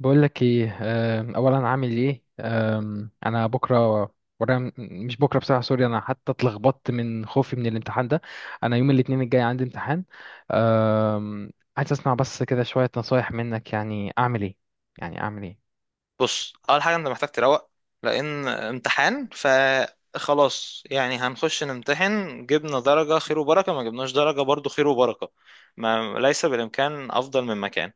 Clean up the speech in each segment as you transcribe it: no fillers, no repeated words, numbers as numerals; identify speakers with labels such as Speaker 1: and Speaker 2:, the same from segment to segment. Speaker 1: بقول لك ايه. اولا عامل ايه؟ انا بكره ورا مش بكره بصراحه، سوري. انا حتى اتلخبطت من خوفي من الامتحان ده. انا يوم الاثنين الجاي عندي امتحان. عايز اسمع بس كده شويه نصايح منك، يعني اعمل ايه؟ يعني اعمل ايه؟
Speaker 2: بص، اول حاجه انت محتاج تروق. لان امتحان، فخلاص يعني هنخش نمتحن، جبنا درجه خير وبركه، ما جبناش درجه برضو خير وبركه. ما ليس بالامكان افضل من مكان.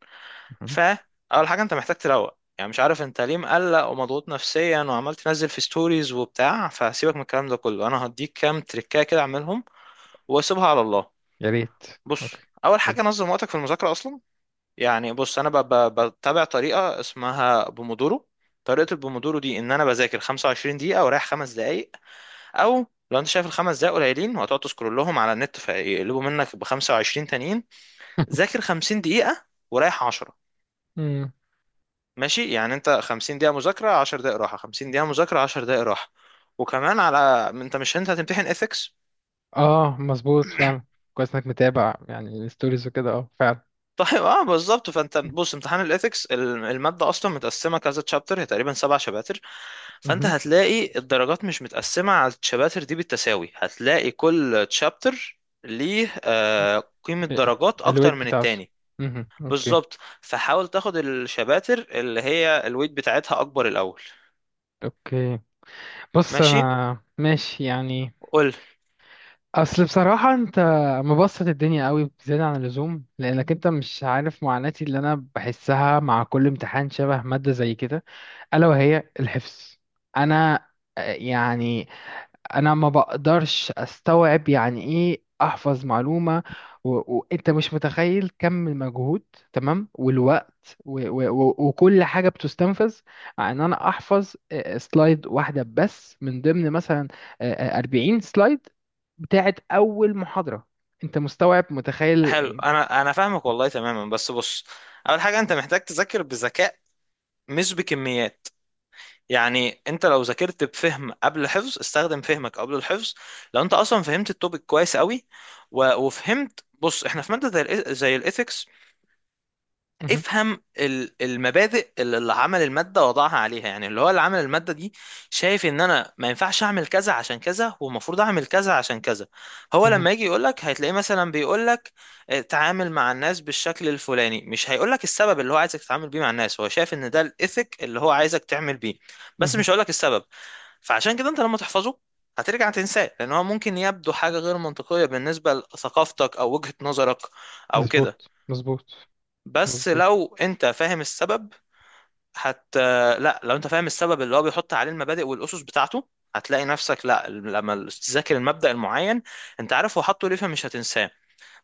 Speaker 1: مهم.
Speaker 2: فاول حاجه انت محتاج تروق. يعني مش عارف انت ليه مقلق ومضغوط نفسيا وعمال تنزل في ستوريز وبتاع. فسيبك من الكلام ده كله، انا هديك كام تريكايه كده اعملهم واسيبها على الله.
Speaker 1: يا ريت.
Speaker 2: بص،
Speaker 1: اوكي.
Speaker 2: اول
Speaker 1: قولي.
Speaker 2: حاجه نظم وقتك في المذاكره اصلا. يعني بص، انا بتابع طريقه اسمها بومودورو. طريقه البومودورو دي ان انا بذاكر 25 دقيقه ورايح 5 دقائق. او لو انت شايف الخمس دقائق قليلين وهتقعد تسكرولهم على النت، فيقلبوا منك ب 25 تانيين. ذاكر 50 دقيقه ورايح 10.
Speaker 1: مم.
Speaker 2: ماشي، يعني انت 50 دقيقه مذاكره، 10 دقائق راحه، 50 دقيقه مذاكره، 10 دقائق راحه. وكمان على، انت مش، انت هتمتحن ethics.
Speaker 1: اه مظبوط فعلا. كويس انك متابع يعني الستوريز وكده، اه فعلا.
Speaker 2: طيب اه بالظبط. فانت بص، امتحان الاثكس، الماده اصلا متقسمه كذا تشابتر، هي تقريبا 7 شباتر. فانت
Speaker 1: مهم.
Speaker 2: هتلاقي الدرجات مش متقسمه على الشباتر دي بالتساوي، هتلاقي كل تشابتر ليه قيمه
Speaker 1: إيه-
Speaker 2: درجات اكتر
Speaker 1: الويت
Speaker 2: من
Speaker 1: بتاعته.
Speaker 2: التاني.
Speaker 1: مهم. اوكي.
Speaker 2: بالظبط، فحاول تاخد الشباتر اللي هي الويت بتاعتها اكبر الاول.
Speaker 1: اوكي بص
Speaker 2: ماشي،
Speaker 1: انا ماشي يعني.
Speaker 2: قول.
Speaker 1: اصل بصراحة انت مبسط الدنيا قوي بزيادة عن اللزوم، لانك انت مش عارف معاناتي اللي انا بحسها مع كل امتحان شبه مادة زي كده، الا وهي الحفظ. انا يعني انا ما بقدرش استوعب يعني ايه احفظ معلومة. وانت مش متخيل كم المجهود، تمام، والوقت و وكل حاجة بتستنفذ ان انا احفظ سلايد واحدة بس من ضمن مثلا 40 سلايد بتاعت اول محاضرة. انت مستوعب متخيل
Speaker 2: حلو.
Speaker 1: إيه؟
Speaker 2: انا فاهمك والله تماما. بس بص، اول حاجه انت محتاج تذاكر بذكاء، مش بكميات. يعني انت لو ذاكرت بفهم قبل الحفظ، استخدم فهمك قبل الحفظ. لو انت اصلا فهمت التوبيك كويس قوي و- وفهمت. بص، احنا في ماده زي زي الايثكس،
Speaker 1: مهم،
Speaker 2: افهم المبادئ اللي عمل المادة وضعها عليها، يعني اللي هو اللي عمل المادة دي. شايف ان انا ما ينفعش اعمل كذا عشان كذا، والمفروض اعمل كذا عشان كذا. هو
Speaker 1: مهم،
Speaker 2: لما يجي يقولك، هتلاقيه مثلا بيقولك تعامل مع الناس بالشكل الفلاني. مش هيقولك السبب اللي هو عايزك تتعامل بيه مع الناس. هو شايف ان ده الايثيك اللي هو عايزك تعمل بيه، بس
Speaker 1: مهم.
Speaker 2: مش هيقولك السبب. فعشان كده انت لما تحفظه، هترجع تنساه، لان هو ممكن يبدو حاجة غير منطقية بالنسبة لثقافتك او وجهة نظرك او كده.
Speaker 1: مظبوط مظبوط
Speaker 2: بس
Speaker 1: مظبوط.
Speaker 2: لو انت فاهم السبب، هت لا، لو انت فاهم السبب اللي هو بيحط عليه المبادئ والاسس بتاعته، هتلاقي نفسك، لا، لما تذاكر المبدأ المعين انت عارف هو حاطه ليه، فمش هتنساه.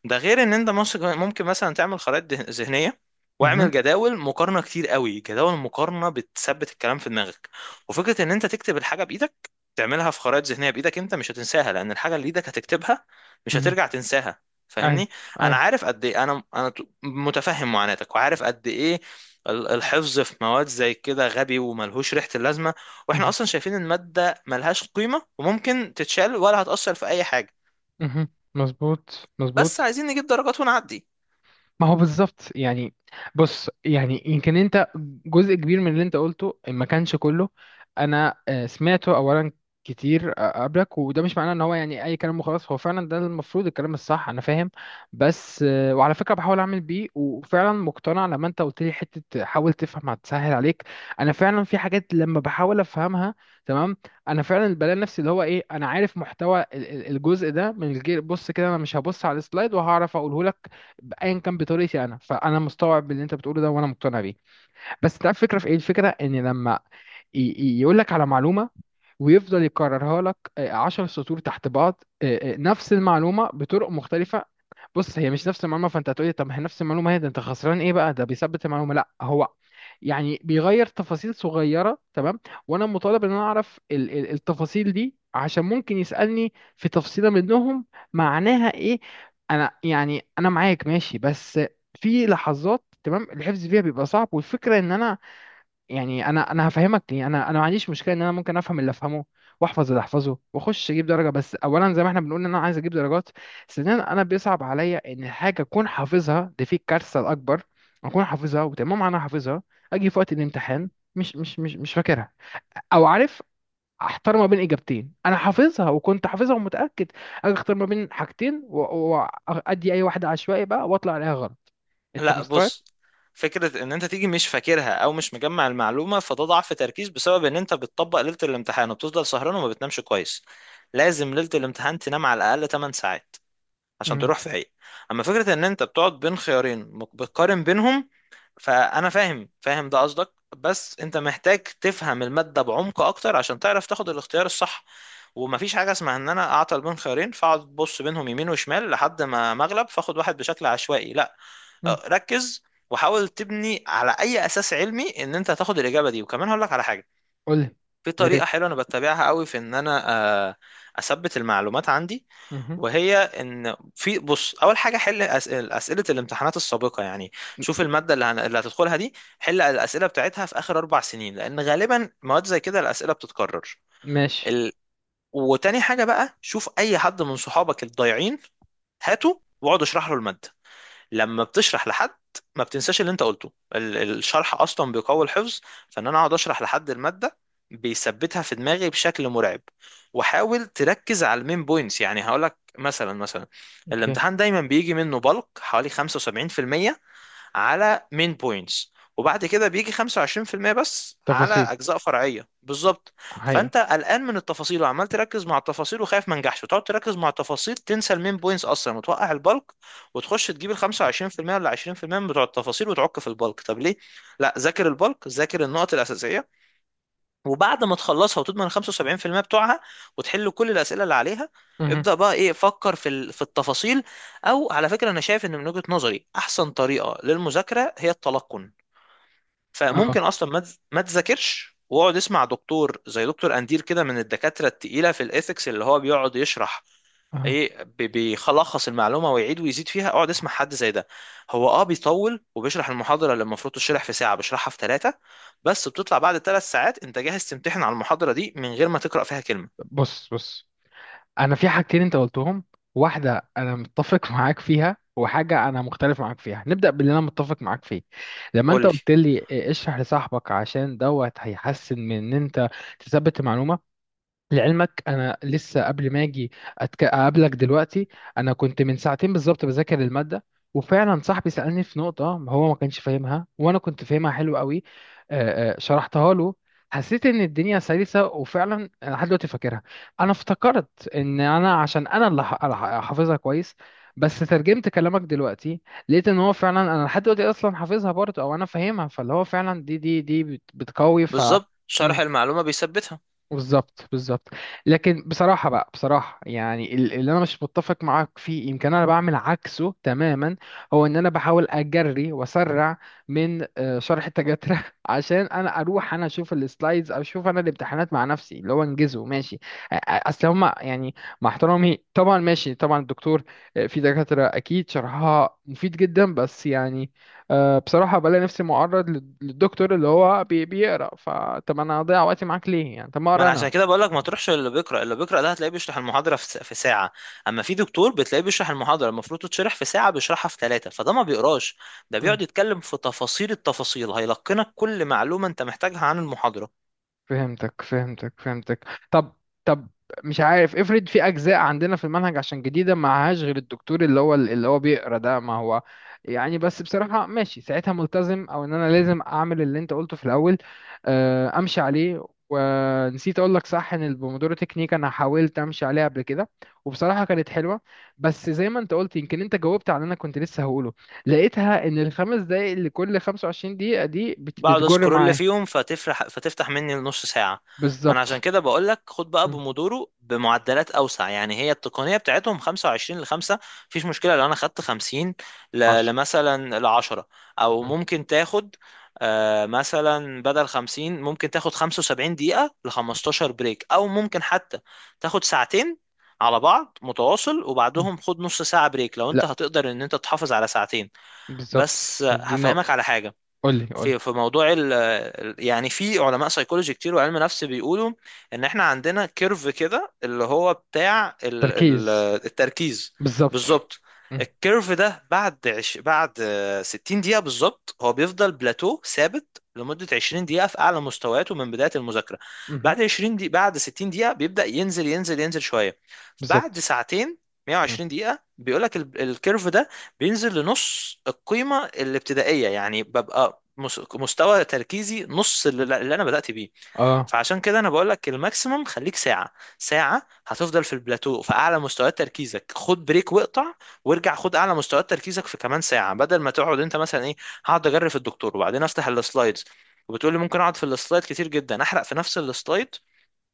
Speaker 2: ده غير ان انت ممكن مثلا تعمل خرائط ذهنيه. واعمل
Speaker 1: مهم،
Speaker 2: جداول مقارنه كتير قوي. جداول مقارنه بتثبت الكلام في دماغك. وفكره ان انت تكتب الحاجه بايدك، تعملها في خرائط ذهنيه بايدك، انت مش هتنساها. لان الحاجه اللي ايدك هتكتبها مش
Speaker 1: مهم.
Speaker 2: هترجع تنساها.
Speaker 1: ايوه.
Speaker 2: فاهمني؟ انا
Speaker 1: ايوه.
Speaker 2: عارف قد ايه، انا متفهم معاناتك، وعارف قد ايه الحفظ في مواد زي كده غبي وملهوش ريحه اللازمه. واحنا
Speaker 1: مهم،
Speaker 2: اصلا شايفين الماده ملهاش قيمه وممكن تتشال ولا هتاثر في اي حاجه.
Speaker 1: مهم. مظبوط
Speaker 2: بس
Speaker 1: مظبوط.
Speaker 2: عايزين نجيب درجات ونعدي.
Speaker 1: ما هو بالظبط يعني. بص يعني يمكن انت، جزء كبير من اللي انت قلته ما كانش كله. انا سمعته اولا كتير قبلك، وده مش معناه ان هو يعني اي كلام وخلاص. هو فعلا ده المفروض الكلام الصح، انا فاهم. بس وعلى فكره بحاول اعمل بيه، وفعلا مقتنع لما انت قلت لي حته حاول تفهم هتسهل عليك. انا فعلا في حاجات لما بحاول افهمها، تمام، انا فعلا بلاقي نفسي اللي هو ايه، انا عارف محتوى الجزء ده من الجيل. بص كده انا مش هبص على السلايد وهعرف اقوله لك. ايا كان بطريقتي انا، فانا مستوعب اللي انت بتقوله ده، وانا مقتنع بيه. بس انت عارف الفكره في ايه؟ الفكره ان لما يقول لك على معلومه ويفضل يكررها لك عشر سطور تحت بعض، نفس المعلومة بطرق مختلفة. بص هي مش نفس المعلومة. فانت هتقولي طب ما هي نفس المعلومة، هي ده انت خسران ايه بقى، ده بيثبت المعلومة. لا، هو يعني بيغير تفاصيل صغيرة، تمام، وانا مطالب ان انا اعرف التفاصيل دي عشان ممكن يسألني في تفصيلة منهم معناها ايه. انا يعني انا معاك ماشي، بس في لحظات تمام الحفظ فيها بيبقى صعب. والفكرة ان انا يعني انا هفهمك ليه. انا ما عنديش مشكله ان انا ممكن افهم اللي افهمه واحفظ اللي احفظه واخش اجيب درجه. بس اولا زي ما احنا بنقول ان انا عايز اجيب درجات، ثانيا انا بيصعب عليا ان حاجه اكون حافظها، دي في الكارثه الاكبر، اكون حافظها وتمام انا حافظها، اجي في وقت الامتحان مش فاكرها، او عارف احتار ما بين اجابتين انا حافظها وكنت حافظها ومتاكد، اجي اختار ما بين حاجتين وادي اي واحده عشوائي بقى واطلع عليها غلط. انت
Speaker 2: لا
Speaker 1: مستوعب؟
Speaker 2: بص، فكرة ان انت تيجي مش فاكرها او مش مجمع المعلومة، فده ضعف تركيز بسبب ان انت بتطبق ليلة الامتحان وبتفضل سهران وما بتنامش كويس. لازم ليلة الامتحان تنام على الاقل 8 ساعات عشان
Speaker 1: امم.
Speaker 2: تروح فايق. اما فكرة ان انت بتقعد بين خيارين، بتقارن بينهم، فانا فاهم ده قصدك. بس انت محتاج تفهم المادة بعمق اكتر عشان تعرف تاخد الاختيار الصح. ومفيش حاجة اسمها ان انا اعطل بين خيارين، فاقعد بص بينهم يمين وشمال لحد ما مغلب فاخد واحد بشكل عشوائي. لا، ركز، وحاول تبني على اي اساس علمي ان انت هتاخد الاجابه دي. وكمان هقول لك على حاجه.
Speaker 1: قول لي.
Speaker 2: في
Speaker 1: يا ريت.
Speaker 2: طريقه حلوه انا بتبعها قوي في ان انا آه، اثبت المعلومات عندي.
Speaker 1: مهم.
Speaker 2: وهي ان في، بص، اول حاجه حل اسئله الامتحانات السابقه، يعني شوف الماده اللي هتدخلها دي. حل الاسئله بتاعتها في اخر 4 سنين، لان غالبا مواد زي كده الاسئله بتتكرر.
Speaker 1: ماشي.
Speaker 2: ال... وتاني حاجه بقى، شوف اي حد من صحابك الضايعين هاته واقعد اشرح له الماده. لما بتشرح لحد ما بتنساش اللي انت قلته. الشرح اصلا بيقوي الحفظ. فان انا اقعد اشرح لحد الماده، بيثبتها في دماغي بشكل مرعب. وحاول تركز على المين بوينتس. يعني هقولك مثلا،
Speaker 1: اوكي.
Speaker 2: الامتحان دايما بيجي منه بلق حوالي 75% على مين بوينتس، وبعد كده بيجي 25% بس على
Speaker 1: تفاصيل.
Speaker 2: اجزاء فرعيه بالظبط.
Speaker 1: حقيقي.
Speaker 2: فانت قلقان من التفاصيل وعمال تركز مع التفاصيل وخايف ما نجحش، وتقعد تركز مع التفاصيل تنسى المين بوينتس اصلا وتوقع البلك، وتخش تجيب ال 25% ولا 20% بتوع التفاصيل وتعك في البلك. طب ليه؟ لا، ذاكر البلك، ذاكر النقط الاساسيه. وبعد ما تخلصها وتضمن ال 75% بتوعها وتحل كل الأسئلة اللي عليها،
Speaker 1: مهم.
Speaker 2: ابدأ بقى، ايه، فكر في في التفاصيل. او على فكرة، انا شايف ان من وجهة نظري احسن طريقة للمذاكرة هي التلقن.
Speaker 1: اه.
Speaker 2: فممكن اصلا ما تذاكرش واقعد اسمع دكتور زي دكتور اندير كده، من الدكاترة التقيلة في الايثكس اللي هو بيقعد يشرح
Speaker 1: اه.
Speaker 2: ايه. بيخلص المعلومه ويعيد ويزيد فيها. اقعد اسمع حد زي ده. هو اه بيطول وبيشرح المحاضره اللي المفروض تشرح في ساعه بيشرحها في ثلاثه. بس بتطلع بعد 3 ساعات انت جاهز تمتحن على المحاضره دي من غير ما تقرا فيها كلمه.
Speaker 1: بص بص انا في حاجتين انت قلتهم، واحده انا متفق معاك فيها وحاجه انا مختلف معاك فيها. نبدا باللي انا متفق معاك فيه. لما
Speaker 2: قول
Speaker 1: انت
Speaker 2: لي.
Speaker 1: قلت لي اشرح لصاحبك عشان دوت هيحسن من ان انت تثبت المعلومه. لعلمك انا لسه قبل ما اجي اقابلك دلوقتي، انا كنت من ساعتين بالظبط بذاكر الماده. وفعلا صاحبي سالني في نقطه هو ما كانش فاهمها وانا كنت فاهمها حلو قوي. شرحتها له. حسيت ان الدنيا سلسه، وفعلا انا لحد دلوقتي فاكرها. انا افتكرت ان انا عشان انا اللي حافظها كويس. بس ترجمت كلامك دلوقتي، لقيت ان هو فعلا انا لحد دلوقتي اصلا حافظها برضه، او انا فاهمها، فاللي هو فعلا بتقوي ف.
Speaker 2: بالظبط، شرح المعلومه بيثبتها.
Speaker 1: بالظبط بالظبط. لكن بصراحة بقى، بصراحة يعني اللي أنا مش متفق معاك فيه، يمكن أنا بعمل عكسه تماما. هو إن أنا بحاول أجري وأسرع من شرح التجاترة عشان أنا أروح أنا أشوف السلايدز أو أشوف أنا الامتحانات مع نفسي، اللي هو أنجزه ماشي. أصل هما يعني، مع احترامي طبعا ماشي طبعا الدكتور، في دكاترة أكيد شرحها مفيد جدا بس يعني أه بصراحة بلاقي نفسي معرض للدكتور اللي هو بيقرا، فطب انا هضيع وقتي معاك ليه يعني، طب ما
Speaker 2: ما
Speaker 1: اقرا
Speaker 2: انا
Speaker 1: انا؟
Speaker 2: عشان كده بقول لك ما تروحش اللي بيقرا. اللي بيقرا ده هتلاقيه بيشرح المحاضره في في ساعه. اما في دكتور بتلاقيه بيشرح المحاضره المفروض تتشرح في ساعه بيشرحها في ثلاثه، فده ما بيقراش. ده بيقعد يتكلم في تفاصيل التفاصيل، هيلقنك كل معلومه انت محتاجها عن المحاضره.
Speaker 1: فهمتك فهمتك فهمتك. طب، طب، مش عارف افرض في اجزاء عندنا في المنهج عشان جديده معهاش غير الدكتور اللي هو اللي هو بيقرا ده. ما هو يعني بس بصراحه ماشي ساعتها ملتزم او ان انا لازم اعمل اللي انت قلته في الاول. امشي عليه. ونسيت اقول لك صح ان البومودورو تكنيك انا حاولت امشي عليها قبل كده، وبصراحه كانت حلوه. بس زي ما انت قلت، يمكن انت جاوبت على اللي انا كنت لسه هقوله، لقيتها ان الخمس دقايق اللي كل 25 دقيقه دي
Speaker 2: بقعد
Speaker 1: بتجر
Speaker 2: اسكرول
Speaker 1: معايا.
Speaker 2: فيهم فتفرح، فتفتح مني نص ساعة. ما انا عشان
Speaker 1: بالظبط.
Speaker 2: كده بقول لك خد بقى بومودورو بمعدلات اوسع. يعني هي التقنية بتاعتهم 25 ل 5. مفيش مشكلة لو انا خدت 50
Speaker 1: عشرة.
Speaker 2: لمثلا ل 10. او
Speaker 1: مم.
Speaker 2: ممكن تاخد، مثلا بدل 50 ممكن تاخد 75 دقيقة ل 15 بريك. او ممكن حتى تاخد ساعتين على بعض متواصل،
Speaker 1: مم.
Speaker 2: وبعدهم خد نص ساعة بريك لو انت
Speaker 1: لا.
Speaker 2: هتقدر ان انت تحافظ على ساعتين.
Speaker 1: بالظبط.
Speaker 2: بس
Speaker 1: دي نقطة.
Speaker 2: هفهمك على حاجة.
Speaker 1: قولي قولي.
Speaker 2: في موضوع يعني في علماء سيكولوجي كتير وعلم نفس بيقولوا ان احنا عندنا كيرف كده اللي هو بتاع ال ال
Speaker 1: تركيز.
Speaker 2: التركيز.
Speaker 1: بالظبط.
Speaker 2: بالظبط.
Speaker 1: مم.
Speaker 2: الكيرف ده بعد 60 دقيقة بالظبط هو بيفضل بلاتو ثابت لمدة 20 دقيقة في أعلى مستوياته من بداية المذاكرة.
Speaker 1: مهم.
Speaker 2: بعد 20 دقيقة، بعد 60 دقيقة بيبدأ ينزل ينزل ينزل شوية. بعد
Speaker 1: بالظبط.
Speaker 2: ساعتين،
Speaker 1: مم.
Speaker 2: 120 دقيقة، بيقولك الكيرف ده بينزل لنص القيمة الابتدائية، يعني ببقى مستوى تركيزي نص اللي انا بدأت بيه.
Speaker 1: اه.
Speaker 2: فعشان كده انا بقول لك الماكسيموم خليك ساعة. ساعة هتفضل في البلاتو في اعلى مستويات تركيزك. خد بريك واقطع، وارجع خد اعلى مستويات تركيزك في كمان ساعة، بدل ما تقعد انت مثلا ايه: هقعد اجري في الدكتور وبعدين افتح السلايدز. وبتقول لي ممكن اقعد في السلايد كتير جدا، احرق في نفس السلايد،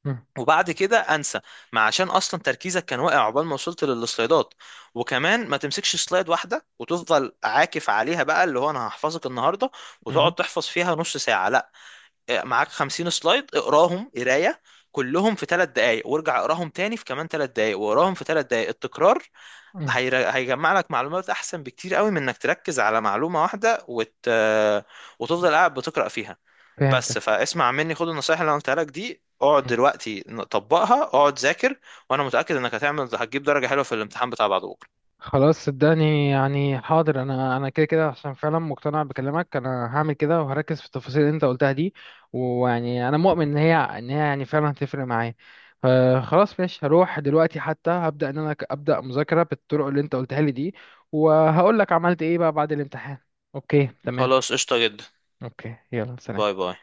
Speaker 1: مم.
Speaker 2: وبعد كده انسى. ما عشان اصلا تركيزك كان واقع عقبال ما وصلت للسلايدات. وكمان ما تمسكش سلايد واحده وتفضل عاكف عليها بقى، اللي هو انا هحفظك النهارده، وتقعد
Speaker 1: مهم.
Speaker 2: تحفظ فيها نص ساعه. لا، إيه، معاك 50 سلايد اقراهم قرايه كلهم في 3 دقائق، وارجع اقراهم تاني في كمان 3 دقائق، واقراهم في 3 دقائق. التكرار
Speaker 1: مم.
Speaker 2: هيجمع لك معلومات احسن بكتير قوي من انك تركز على معلومه واحده وتفضل قاعد بتقرا فيها. بس
Speaker 1: فهمتك.
Speaker 2: فاسمع مني، خد النصايح اللي انا قلتها لك دي، اقعد دلوقتي طبقها، اقعد ذاكر. وانا متأكد انك هتعمل هتجيب درجة حلوة في الامتحان بتاع بعد بكرة.
Speaker 1: خلاص صدقني يعني، حاضر، انا انا كده كده عشان فعلا مقتنع بكلامك، انا هعمل كده وهركز في التفاصيل اللي انت قلتها دي. ويعني انا مؤمن ان هي ان هي يعني فعلا هتفرق معايا. خلاص ماشي هروح دلوقتي، حتى هبدأ ان انا ابدأ مذاكرة بالطرق اللي انت قلتها لي دي، وهقول لك عملت ايه بقى بعد الامتحان. اوكي تمام.
Speaker 2: خلاص، قشطة جدا.
Speaker 1: اوكي يلا
Speaker 2: باي
Speaker 1: سلام.
Speaker 2: باي.